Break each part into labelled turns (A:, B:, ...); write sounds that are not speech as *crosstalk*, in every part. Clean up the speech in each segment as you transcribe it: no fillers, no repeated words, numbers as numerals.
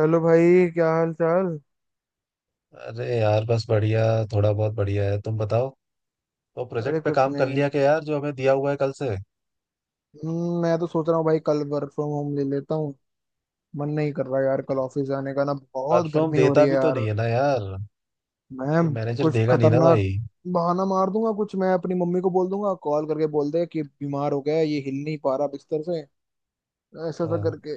A: Hello भाई क्या हाल चाल।
B: अरे यार, बस बढ़िया। थोड़ा बहुत बढ़िया है, तुम बताओ। तो
A: अरे
B: प्रोजेक्ट पे
A: कुछ
B: काम कर
A: नहीं।
B: लिया क्या यार, जो हमें दिया हुआ है कल से।
A: मैं तो सोच रहा हूँ भाई कल वर्क फ्रॉम होम ले लेता हूँ। मन नहीं कर रहा यार कल ऑफिस जाने का ना बहुत
B: परफॉर्म
A: गर्मी हो
B: देता
A: रही है
B: भी तो नहीं
A: यार।
B: है ना यार।
A: मैं
B: ये मैनेजर
A: कुछ
B: देगा नहीं ना
A: खतरनाक
B: भाई।
A: बहाना मार दूंगा कुछ। मैं अपनी मम्मी को बोल दूंगा कॉल करके बोल दे कि बीमार हो गया है, ये हिल नहीं पा रहा बिस्तर से। ऐसा ऐसा
B: हाँ,
A: करके।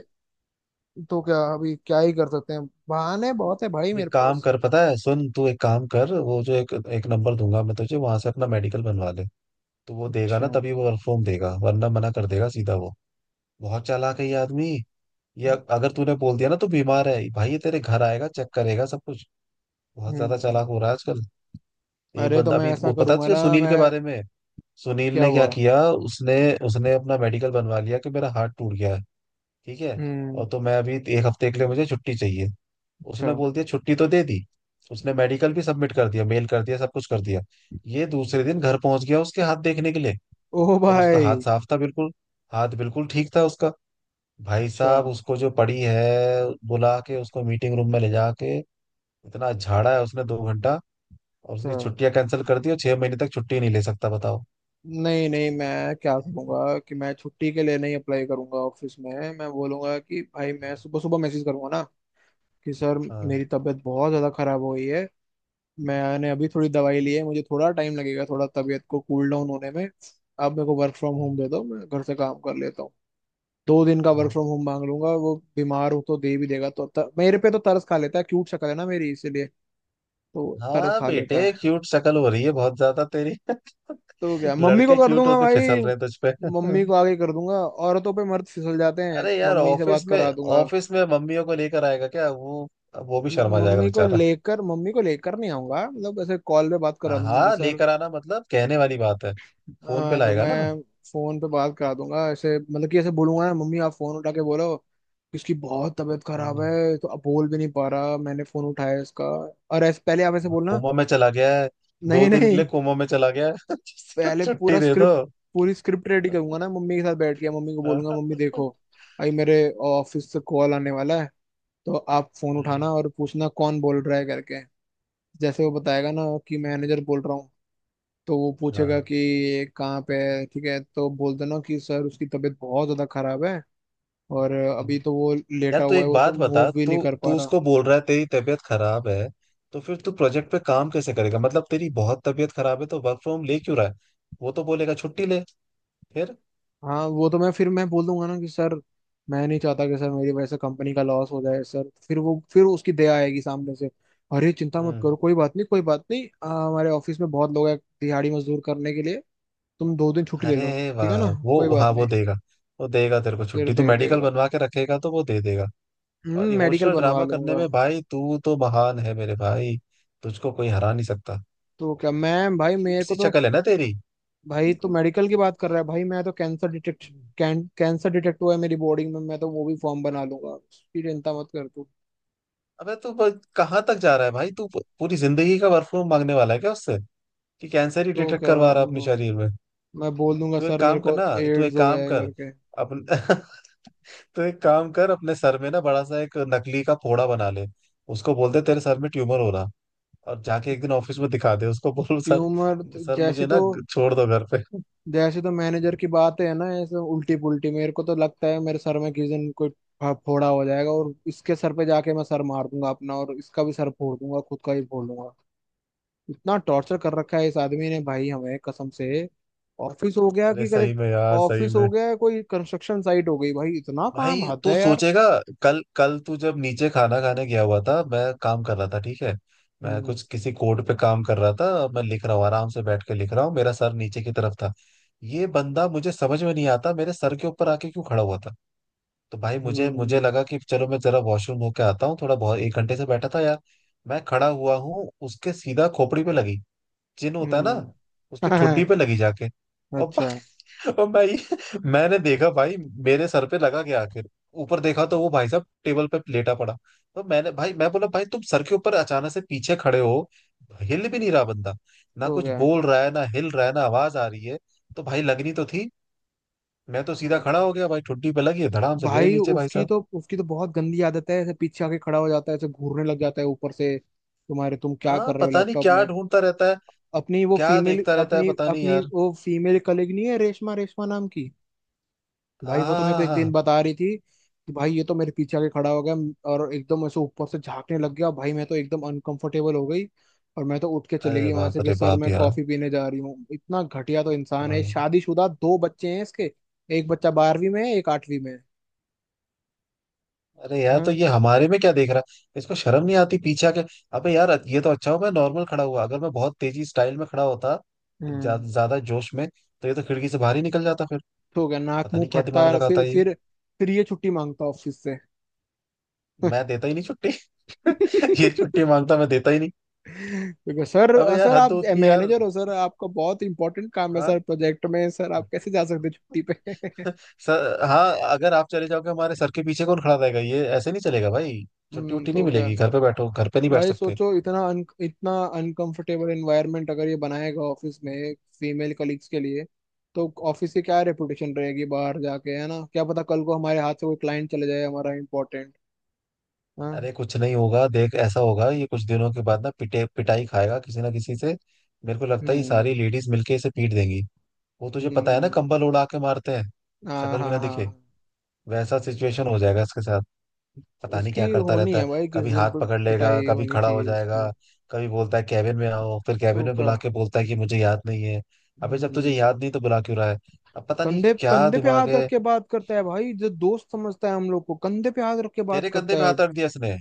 A: तो क्या अभी क्या ही कर सकते हैं बहाने बहुत है भाई
B: तू
A: मेरे
B: एक काम
A: पास।
B: कर पता है, सुन, तू एक काम कर। वो जो एक एक नंबर दूंगा मैं तुझे, वहां से अपना मेडिकल बनवा ले। तो वो देगा
A: अच्छा।
B: ना, तभी वो परफॉर्म देगा, वरना मना कर देगा सीधा वो। बहुत चालाक है ये आदमी। ये अगर तूने बोल दिया ना तू बीमार है भाई, ये तेरे घर आएगा, चेक करेगा सब कुछ। बहुत ज्यादा
A: हम्म।
B: चालाक हो रहा है आजकल। एक
A: अरे तो
B: बंदा
A: मैं
B: अभी,
A: ऐसा
B: वो पता है
A: करूंगा
B: तुझे,
A: ना
B: सुनील
A: मैं।
B: के बारे में। सुनील
A: क्या
B: ने क्या
A: हुआ?
B: किया? उसने उसने अपना मेडिकल बनवा लिया कि मेरा हाथ टूट गया है, ठीक है,
A: हम्म।
B: और तो मैं अभी एक हफ्ते के लिए, मुझे छुट्टी चाहिए।
A: अच्छा।
B: उसने बोल दिया, छुट्टी तो दे दी। उसने मेडिकल भी सबमिट कर दिया, मेल कर दिया, सब कुछ कर दिया। ये दूसरे दिन घर पहुंच गया उसके हाथ देखने के लिए।
A: ओ
B: और उसका हाथ
A: भाई।
B: साफ था बिल्कुल। हाथ बिल्कुल ठीक था उसका। भाई
A: अच्छा।
B: साहब उसको जो पड़ी है, बुला के उसको मीटिंग रूम में ले जाके इतना झाड़ा है उसने, 2 घंटा। और उसकी
A: अच्छा।
B: छुट्टियां कैंसिल कर दी, और 6 महीने तक छुट्टी नहीं ले सकता, बताओ।
A: नहीं नहीं मैं क्या करूंगा कि मैं छुट्टी के लिए नहीं अप्लाई करूंगा ऑफिस में। मैं बोलूंगा कि भाई मैं सुबह सुबह मैसेज करूंगा ना कि सर
B: हाँ।
A: मेरी तबीयत बहुत ज़्यादा खराब हो गई है। मैंने अभी थोड़ी दवाई ली है मुझे थोड़ा टाइम लगेगा थोड़ा तबीयत को कूल डाउन होने में। आप मेरे को वर्क फ्रॉम
B: हाँ।
A: होम दे दो मैं घर से काम कर लेता हूँ। दो दिन का वर्क
B: हाँ
A: फ्रॉम होम मांग लूंगा वो बीमार हो तो दे भी देगा तो मेरे पे तो तरस खा लेता है क्यूट शक्ल है ना मेरी इसीलिए। तो तरस
B: हाँ
A: खा लेता
B: बेटे,
A: है।
B: क्यूट शक्ल हो रही है बहुत ज्यादा तेरी।
A: तो क्या
B: *laughs*
A: मम्मी को
B: लड़के
A: कर
B: क्यूट
A: दूंगा
B: होके
A: भाई।
B: फिसल रहे हैं तुझ पे।
A: मम्मी को
B: *laughs*
A: आगे कर दूंगा। औरतों पे मर्द फिसल जाते हैं
B: अरे यार,
A: मम्मी से बात करा दूंगा।
B: ऑफिस में मम्मियों को लेकर आएगा क्या वो? वो भी शर्मा जाएगा बेचारा।
A: मम्मी को लेकर नहीं आऊंगा मतलब ऐसे कॉल पे बात करा
B: हाँ
A: दूंगा कि
B: हाँ,
A: सर।
B: लेकर आना मतलब कहने वाली बात है। फोन पे
A: तो
B: लाएगा ना।
A: मैं फोन पे बात करा दूंगा ऐसे मतलब कि ऐसे बोलूंगा ना मम्मी आप फोन उठा के बोलो कि इसकी बहुत तबीयत खराब
B: हम्म,
A: है तो अब बोल भी नहीं पा रहा मैंने फोन उठाया इसका। और ऐसे पहले आप ऐसे बोलना।
B: कोमा में चला गया है। दो
A: नहीं
B: दिन के लिए
A: नहीं।
B: कोमा में चला गया है *laughs*
A: पहले
B: छुट्टी
A: पूरा
B: दे दो।
A: स्क्रिप्ट। पूरी स्क्रिप्ट रेडी करूंगा ना मम्मी के साथ बैठ के मम्मी को बोलूंगा
B: हाँ।
A: मम्मी देखो भाई मेरे ऑफिस से कॉल आने वाला है। तो आप फोन उठाना और पूछना कौन बोल रहा है करके। जैसे वो बताएगा ना कि मैनेजर बोल रहा हूँ। तो वो पूछेगा कि ये कहाँ पे है ठीक है तो बोल देना कि सर उसकी तबीयत बहुत ज्यादा खराब है। और
B: *laughs*
A: अभी
B: हाँ।
A: तो वो
B: यार
A: लेटा
B: तू
A: हुआ है
B: एक
A: वो तो
B: बात बता।
A: मूव भी
B: तू
A: नहीं कर पा
B: तू
A: रहा।
B: उसको बोल रहा है तेरी तबीयत खराब है, तो फिर तू प्रोजेक्ट पे काम कैसे करेगा? मतलब तेरी बहुत तबीयत खराब है तो वर्क फ्रॉम ले क्यों रहा है? वो तो बोलेगा छुट्टी ले फिर।
A: हाँ वो तो मैं बोल दूंगा ना कि सर। मैं नहीं चाहता कि सर मेरी वजह से कंपनी का लॉस हो जाए सर फिर वो फिर उसकी दया आएगी सामने से। अरे चिंता मत
B: हम्म
A: करो कोई बात नहीं हमारे ऑफिस में बहुत लोग हैं दिहाड़ी मजदूर करने के लिए। तुम दो दिन छुट्टी ले
B: अरे
A: लो। ठीक है
B: वाह,
A: ना। कोई
B: वो,
A: बात
B: हाँ,
A: नहीं।
B: वो देगा। वो देगा तेरे को
A: फिर
B: छुट्टी, तू
A: दे
B: मेडिकल
A: देगा।
B: बनवा के रखेगा तो वो दे देगा। और
A: मेडिकल
B: इमोशनल
A: बनवा
B: ड्रामा करने
A: लूंगा।
B: में भाई तू तो महान है मेरे भाई। तुझको कोई हरा नहीं सकता।
A: तो क्या मैं भाई
B: क्यूट
A: मेरे
B: सी
A: को तो।
B: शक्ल है ना तेरी।
A: भाई तो
B: *laughs*
A: मेडिकल की बात कर रहा है भाई मैं तो कैंसर डिटेक्ट कैंसर डिटेक्ट हुआ है मेरी बॉडी में मैं तो वो भी फॉर्म बना लूंगा उसकी चिंता मत कर तू।
B: अबे कहाँ तक जा रहा है भाई, तू पूरी जिंदगी का वर्क फ्रॉम मांगने वाला है क्या उससे? कि कैंसर ही
A: तो
B: डिटेक्ट
A: क्या
B: करवा रहा है अपने शरीर में?
A: मैं बोल दूंगा
B: तू एक
A: सर मेरे
B: काम कर
A: को
B: ना तू
A: एड्स
B: एक
A: हो
B: काम
A: गया है
B: कर।
A: करके।
B: अपन *laughs* तो एक काम कर, अपने सर में ना बड़ा सा एक नकली का फोड़ा बना ले। उसको बोल दे तेरे सर में ट्यूमर हो रहा। और जाके एक दिन ऑफिस में दिखा दे, उसको बोल सर,
A: ट्यूमर तो-
B: सर
A: जैसे
B: मुझे
A: तो
B: ना छोड़ दो घर पे। *laughs*
A: जैसे तो मैनेजर की बात है ना ऐसे उल्टी पुल्टी मेरे को तो लगता है मेरे सर में किस दिन कोई फोड़ा हो जाएगा और इसके सर पे जाके मैं सर मार दूंगा अपना और इसका भी सर फोड़ दूंगा खुद का ही फोड़ दूंगा। इतना टॉर्चर कर रखा है इस आदमी ने भाई हमें कसम से। ऑफिस हो गया
B: अरे
A: कि कदे।
B: सही में यार, सही
A: ऑफिस
B: में।
A: हो गया कोई कंस्ट्रक्शन साइट हो गई भाई इतना काम
B: भाई
A: हद
B: तू
A: है यार।
B: सोचेगा, कल कल तू जब नीचे खाना खाने गया हुआ था मैं काम कर रहा था, ठीक है, मैं
A: हम्म।
B: कुछ किसी कोड पे काम कर रहा था। मैं लिख रहा हूँ, आराम से बैठ के लिख रहा हूँ, मेरा सर नीचे की तरफ था। ये बंदा, मुझे समझ में नहीं आता, मेरे सर के ऊपर आके क्यों खड़ा हुआ था। तो भाई मुझे मुझे
A: हम्म।
B: लगा कि चलो मैं जरा वॉशरूम होके आता हूँ, थोड़ा बहुत एक घंटे से बैठा था यार। मैं खड़ा हुआ हूँ, उसके सीधा खोपड़ी पे लगी। चिन्ह होता है ना,
A: हम्म।
B: उसकी ठुड्डी
A: *laughs*
B: पे लगी जाके।
A: अच्छा।
B: और भाई, मैंने देखा भाई, मेरे सर पे लगा गया आखिर। ऊपर देखा तो वो भाई साहब टेबल पे लेटा पड़ा। तो मैंने भाई, मैं बोला भाई तुम सर के ऊपर अचानक से पीछे खड़े हो। हिल भी नहीं रहा बंदा, ना
A: हो
B: कुछ
A: गया।
B: बोल रहा है, ना हिल रहा है, ना आवाज आ रही है। तो भाई लगनी तो थी। मैं तो सीधा खड़ा
A: हम्म।
B: हो गया भाई, ठुड्डी पे लगी है, धड़ाम से गिरे
A: भाई
B: नीचे भाई
A: उसकी
B: साहब।
A: तो उसकी तो बहुत गंदी आदत है ऐसे पीछे आके खड़ा हो जाता है ऐसे घूरने लग जाता है ऊपर से। तुम क्या
B: हाँ,
A: कर रहे हो
B: पता नहीं
A: लैपटॉप
B: क्या
A: में।
B: ढूंढता रहता है।
A: अपनी वो
B: क्या
A: फीमेल
B: देखता रहता है,
A: अपनी
B: पता नहीं
A: अपनी
B: यार।
A: वो फीमेल कलीग नहीं है रेशमा रेशमा नाम की। भाई
B: हाँ
A: वो तो मेरे को
B: हाँ हाँ
A: एक
B: हाँ। हाँ।
A: दिन बता रही थी कि भाई ये तो मेरे पीछे आके खड़ा हो गया और एकदम ऐसे ऊपर से झांकने लग गया भाई मैं तो एकदम अनकंफर्टेबल हो गई। और मैं तो उठ के चली
B: अरे
A: गई वहां
B: बाप
A: से कि
B: रे
A: सर
B: बाप
A: मैं
B: यार।
A: कॉफी पीने जा रही हूँ इतना घटिया तो इंसान है
B: हाँ।
A: शादीशुदा दो बच्चे हैं इसके। एक बच्चा बारहवीं में है एक आठवीं में है।
B: अरे यार, तो
A: हाँ।
B: ये हमारे में क्या देख रहा है, इसको शर्म नहीं आती पीछे आके? अबे यार ये तो अच्छा हो मैं नॉर्मल खड़ा हुआ, अगर मैं बहुत तेजी स्टाइल में खड़ा होता,
A: हम्म।
B: ज्यादा जोश में, तो ये तो खिड़की से बाहर ही निकल जाता फिर।
A: हो गया नाक
B: पता
A: मुंह
B: नहीं क्या दिमाग
A: फटता है
B: लगाता
A: फिर
B: है ये।
A: फिर ये छुट्टी मांगता ऑफिस से।
B: मैं देता ही नहीं छुट्टी। *laughs* ये छुट्टी
A: *laughs*
B: मांगता, मैं देता ही नहीं।
A: देखो सर।
B: अबे यार,
A: सर
B: हद
A: आप
B: होती है यार।
A: मैनेजर हो सर आपका बहुत इंपॉर्टेंट काम है सर
B: हाँ।
A: प्रोजेक्ट में सर आप कैसे जा सकते हैं छुट्टी पे।
B: *laughs* सर, हाँ, अगर आप चले जाओगे हमारे सर के पीछे कौन खड़ा रहेगा? ये ऐसे नहीं चलेगा भाई।
A: *laughs*
B: छुट्टी उट्टी नहीं
A: तो क्या।
B: मिलेगी, घर पे बैठो, घर पे नहीं बैठ
A: भाई
B: सकते।
A: सोचो इतना इतना अनकंफर्टेबल एनवायरनमेंट अगर ये बनाएगा ऑफिस में फीमेल कलीग्स के लिए। तो ऑफिस की क्या रेपुटेशन रहेगी बाहर जाके है ना क्या पता कल को हमारे हाथ से कोई क्लाइंट चले जाए हमारा इम्पोर्टेंट। हाँ।
B: अरे कुछ नहीं होगा, देख, ऐसा होगा ये कुछ दिनों के बाद ना, पिटे पिटाई खाएगा किसी ना किसी से। मेरे को लगता है ये
A: हम्म।
B: सारी लेडीज मिलके इसे पीट देंगी। वो तुझे पता है ना, कंबल
A: हम्म।
B: उड़ा के मारते हैं,
A: हाँ
B: शक्ल भी ना
A: हाँ हाँ।
B: दिखे, वैसा सिचुएशन हो जाएगा इसके साथ। पता नहीं क्या
A: इसकी
B: करता
A: होनी
B: रहता है।
A: है भाई किस
B: कभी
A: दिन
B: हाथ पकड़ लेगा,
A: पिटाई
B: कभी
A: होनी
B: खड़ा हो
A: चाहिए इसकी।
B: जाएगा, कभी बोलता है कैबिन में आओ, फिर कैबिन
A: तो
B: में
A: क्या।
B: बुला के बोलता है कि मुझे याद नहीं है। अबे जब तुझे
A: हम्म।
B: याद नहीं तो बुला क्यों रहा है? अब पता नहीं
A: कंधे
B: क्या
A: कंधे पे
B: दिमाग
A: हाथ रख
B: है।
A: के बात करता है भाई जो दोस्त समझता है हम लोग को कंधे पे हाथ रख के बात
B: तेरे कंधे पे
A: करता है।
B: हाथ रख दिया इसने?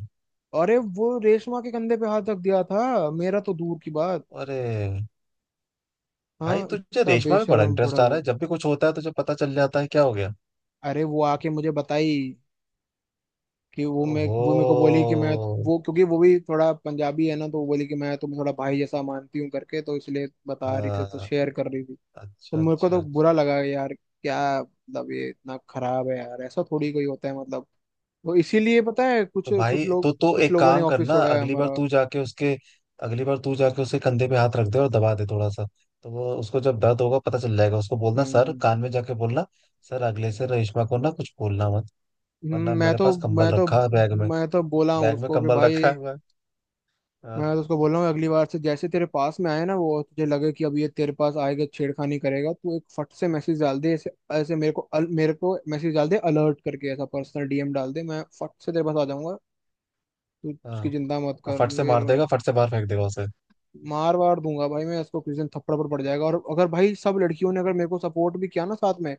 A: अरे वो रेशमा के कंधे पे हाथ रख दिया था मेरा तो दूर की बात।
B: अरे भाई,
A: हाँ
B: तुझे
A: इतना
B: रेशमा में बड़ा
A: बेशरम बूढ़ा
B: इंटरेस्ट आ रहा
A: वो।
B: है, जब भी कुछ होता है तुझे पता चल जाता है, क्या हो गया?
A: अरे वो आके मुझे बताई कि वो मैं
B: ओहो।
A: वो मेरे को बोली कि मैं वो क्योंकि वो भी थोड़ा पंजाबी है ना तो वो बोली कि मैं तुम्हें थोड़ा भाई जैसा मानती हूँ करके तो इसलिए बता रही थी तो
B: हाँ,
A: शेयर कर रही थी। तो
B: अच्छा
A: मेरे को
B: अच्छा
A: तो
B: अच्छा।
A: बुरा लगा यार क्या मतलब ये इतना खराब है यार ऐसा थोड़ी कोई होता है मतलब। वो इसीलिए पता है
B: तो
A: कुछ
B: भाई
A: कुछ लोग
B: तो
A: कुछ
B: एक
A: लोगों ने
B: काम
A: ऑफिस
B: करना,
A: छोड़ा है हमारा।
B: अगली बार तू जाके उसके कंधे पे हाथ रख दे, और दबा दे थोड़ा सा। तो वो, उसको जब दर्द होगा पता चल जाएगा, उसको बोलना सर,
A: हम्म।
B: कान में जाके बोलना सर, अगले से रेशमा को ना कुछ बोलना मत, वरना
A: हम्म, मैं
B: मेरे
A: तो
B: पास कंबल
A: मैं तो
B: रखा है बैग में।
A: मैं तो बोला हूँ
B: बैग में
A: उसको कि
B: कंबल
A: भाई।
B: रखा हुआ है। हाँ।
A: मैं तो उसको बोला हूँ अगली बार से जैसे तेरे पास में आए ना वो तुझे लगे कि अब ये तेरे पास आएगा छेड़खानी करेगा तू एक फट से मैसेज डाल दे ऐसे ऐसे मेरे को मेरे को मैसेज डाल दे अलर्ट करके ऐसा पर्सनल डीएम डाल दे मैं फट से तेरे पास आ जाऊंगा। तू
B: हाँ,
A: उसकी चिंता मत
B: और
A: कर।
B: फट से मार देगा, फट से बाहर फेंक देगा उसे।
A: मार वार दूंगा भाई मैं इसको किसी दिन थप्पड़ पर पड़ जाएगा और अगर भाई सब लड़कियों ने अगर मेरे को सपोर्ट भी किया ना साथ में।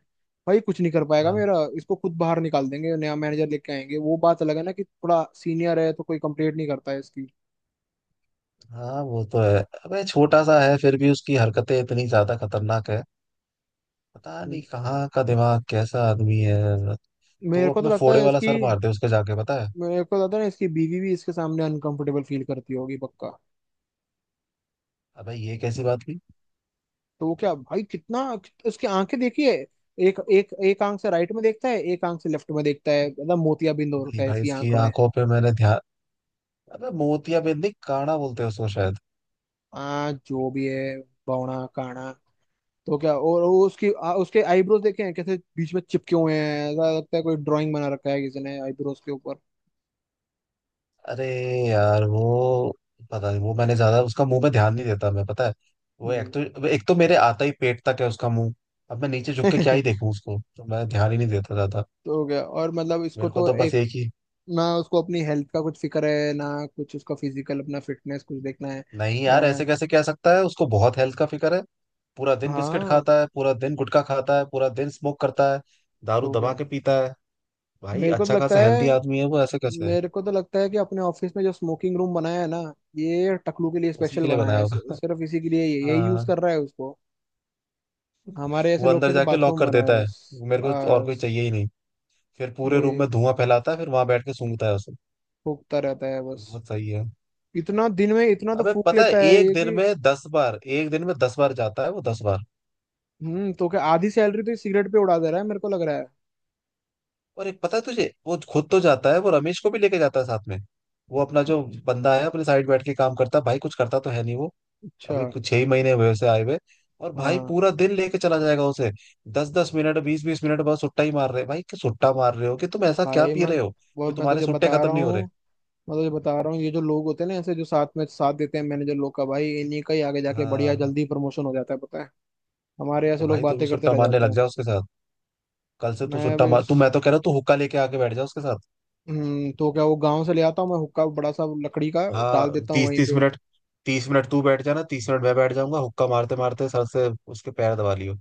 A: भाई कुछ नहीं कर पाएगा
B: हाँ।
A: मेरा इसको खुद बाहर निकाल देंगे नया मैनेजर लेके आएंगे वो बात अलग है ना कि थोड़ा सीनियर है तो कोई कंप्लेंट नहीं करता है इसकी।
B: हाँ वो तो है। अबे छोटा सा है फिर भी उसकी हरकतें इतनी ज्यादा खतरनाक है। पता नहीं
A: हम्म।
B: कहाँ का दिमाग, कैसा आदमी है। तू
A: मेरे को तो
B: अपने
A: लगता
B: फोड़े
A: है
B: वाला
A: इसकी।
B: सर मार दे उसके, जाके, पता है।
A: मेरे को लगता है ना इसकी बीवी भी इसके सामने अनकंफर्टेबल फील करती होगी पक्का।
B: अबे ये कैसी बात हुई?
A: तो वो क्या भाई कितना। उसकी आंखें देखिए। एक एक एक आंख से राइट में देखता है एक आंख से लेफ्ट में देखता है मतलब मोतियाबिंद हो रखा
B: नहीं
A: है
B: भाई,
A: इसकी
B: इसकी
A: आंखों में।
B: आंखों पे मैंने ध्यान। अबे मोतिया बिंद नहीं, काना बोलते हैं उसको शायद।
A: आ जो भी है। बौना काना। तो क्या और वो उसके आईब्रोज देखे हैं कैसे बीच में चिपके हुए हैं ऐसा लगता है कोई ड्राइंग बना रखा है किसी ने आईब्रोज के ऊपर।
B: अरे यार वो पता नहीं, वो मैंने ज्यादा उसका मुंह पे ध्यान नहीं देता मैं, पता है। वो
A: हम्म।
B: एक तो मेरे आता ही पेट तक है उसका मुंह। अब मैं नीचे झुक के क्या ही
A: *laughs*
B: देखूं उसको, तो मैं ध्यान ही नहीं देता ज्यादा।
A: तो क्या और मतलब इसको
B: मेरे को
A: तो
B: तो बस
A: एक
B: एक ही।
A: ना उसको अपनी हेल्थ का कुछ फिक्र है ना। कुछ उसका फिजिकल अपना फिटनेस कुछ देखना है।
B: नहीं यार, ऐसे
A: अ,
B: कैसे कह सकता है उसको बहुत हेल्थ का फिक्र है? पूरा दिन बिस्किट
A: हाँ
B: खाता है, पूरा दिन गुटखा खाता है, पूरा दिन स्मोक करता है, दारू
A: तो
B: दबा
A: क्या।
B: के पीता है। भाई
A: मेरे को तो
B: अच्छा
A: लगता
B: खासा हेल्दी
A: है
B: आदमी है वो, ऐसे कैसे है?
A: मेरे को तो लगता है कि अपने ऑफिस में जो स्मोकिंग रूम बनाया है ना। ये टकलू के लिए
B: उसी
A: स्पेशल
B: के लिए
A: बनाया
B: बनाया
A: है
B: होगा।
A: सिर्फ इसी के लिए
B: *laughs*
A: यही यूज
B: हाँ,
A: कर रहा है उसको। हमारे
B: वो
A: ऐसे लोग
B: अंदर
A: के लिए
B: जाके लॉक
A: बाथरूम
B: कर
A: बनाया है
B: देता है।
A: बस
B: मेरे को तो और कोई
A: बस।
B: चाहिए ही नहीं। फिर पूरे रूम में
A: वही
B: धुआं फैलाता है, फिर वहां बैठ के सूंघता है उसे।
A: फूकता रहता है बस।
B: बहुत सही है।
A: इतना दिन में इतना तो
B: अबे
A: फूक
B: पता है,
A: लेता है
B: एक
A: ये
B: दिन
A: कि।
B: में 10 बार, एक दिन में दस बार जाता है वो, 10 बार।
A: तो क्या आधी सैलरी तो ये सिगरेट पे उड़ा दे रहा है मेरे को लग रहा है।
B: और एक पता है तुझे, वो खुद तो जाता है, वो रमेश को भी लेके जाता है साथ में। वो अपना जो बंदा है, अपने साइड बैठ के काम करता है, भाई कुछ करता तो है नहीं वो।
A: अच्छा।
B: अभी कुछ 6 ही महीने हुए उसे आए हुए। और भाई
A: हाँ
B: पूरा दिन लेके चला जाएगा उसे। 10-10 मिनट, 20-20 मिनट बाद सुट्टा ही मार रहे, भाई कि सुट्टा मार रहे हो कि तुम ऐसा क्या
A: भाई
B: पी
A: मैं।
B: रहे हो, जो
A: और
B: तुम्हारे सुट्टे खत्म नहीं हो रहे।
A: मैं तुझे बता रहा हूँ ये जो लोग होते हैं ना ऐसे जो साथ में साथ देते हैं मैनेजर लोग का भाई इन्हीं का ही आगे जाके बढ़िया
B: हाँ,
A: जल्दी प्रमोशन हो जाता है पता है। हमारे
B: तो
A: ऐसे लोग
B: भाई तू भी
A: बातें करते
B: सुट्टा
A: रह
B: मारने
A: जाते
B: लग
A: हैं।
B: जा उसके साथ। कल से तू
A: मैं
B: सुट्टा
A: भी
B: मार तू, मैं तो कह रहा हूँ तू हुक्का लेके आके बैठ जा उसके साथ।
A: तो क्या वो गांव से ले आता हूँ मैं हुक्का बड़ा सा लकड़ी का डाल
B: हाँ,
A: देता हूँ
B: तीस
A: वहीं
B: तीस
A: पे।
B: मिनट 30 मिनट तू बैठ जाना, 30 मिनट मैं बैठ जाऊंगा, हुक्का मारते मारते। सर से उसके पैर दबा लियो।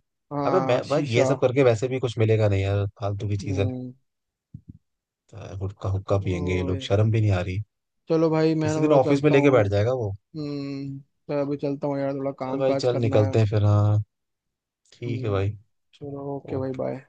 B: अबे
A: हाँ
B: मैं भाई,
A: शीशा।
B: ये सब करके वैसे भी कुछ मिलेगा नहीं यार, फालतू की चीज है।
A: हम्म।
B: तो हुक्का हुक्का पियेंगे ये लोग,
A: ओए।
B: शर्म भी नहीं आ रही।
A: चलो भाई मैं ना
B: किसी दिन
A: थोड़ा
B: ऑफिस में
A: चलता
B: लेके
A: हूँ।
B: बैठ जाएगा वो।
A: हम्म तो अभी चलता हूँ यार थोड़ा
B: चल
A: काम
B: भाई,
A: काज
B: चल
A: करना है।
B: निकलते हैं फिर। हाँ, ठीक है
A: हम्म।
B: भाई।
A: चलो ओके भाई
B: ओके।
A: बाय।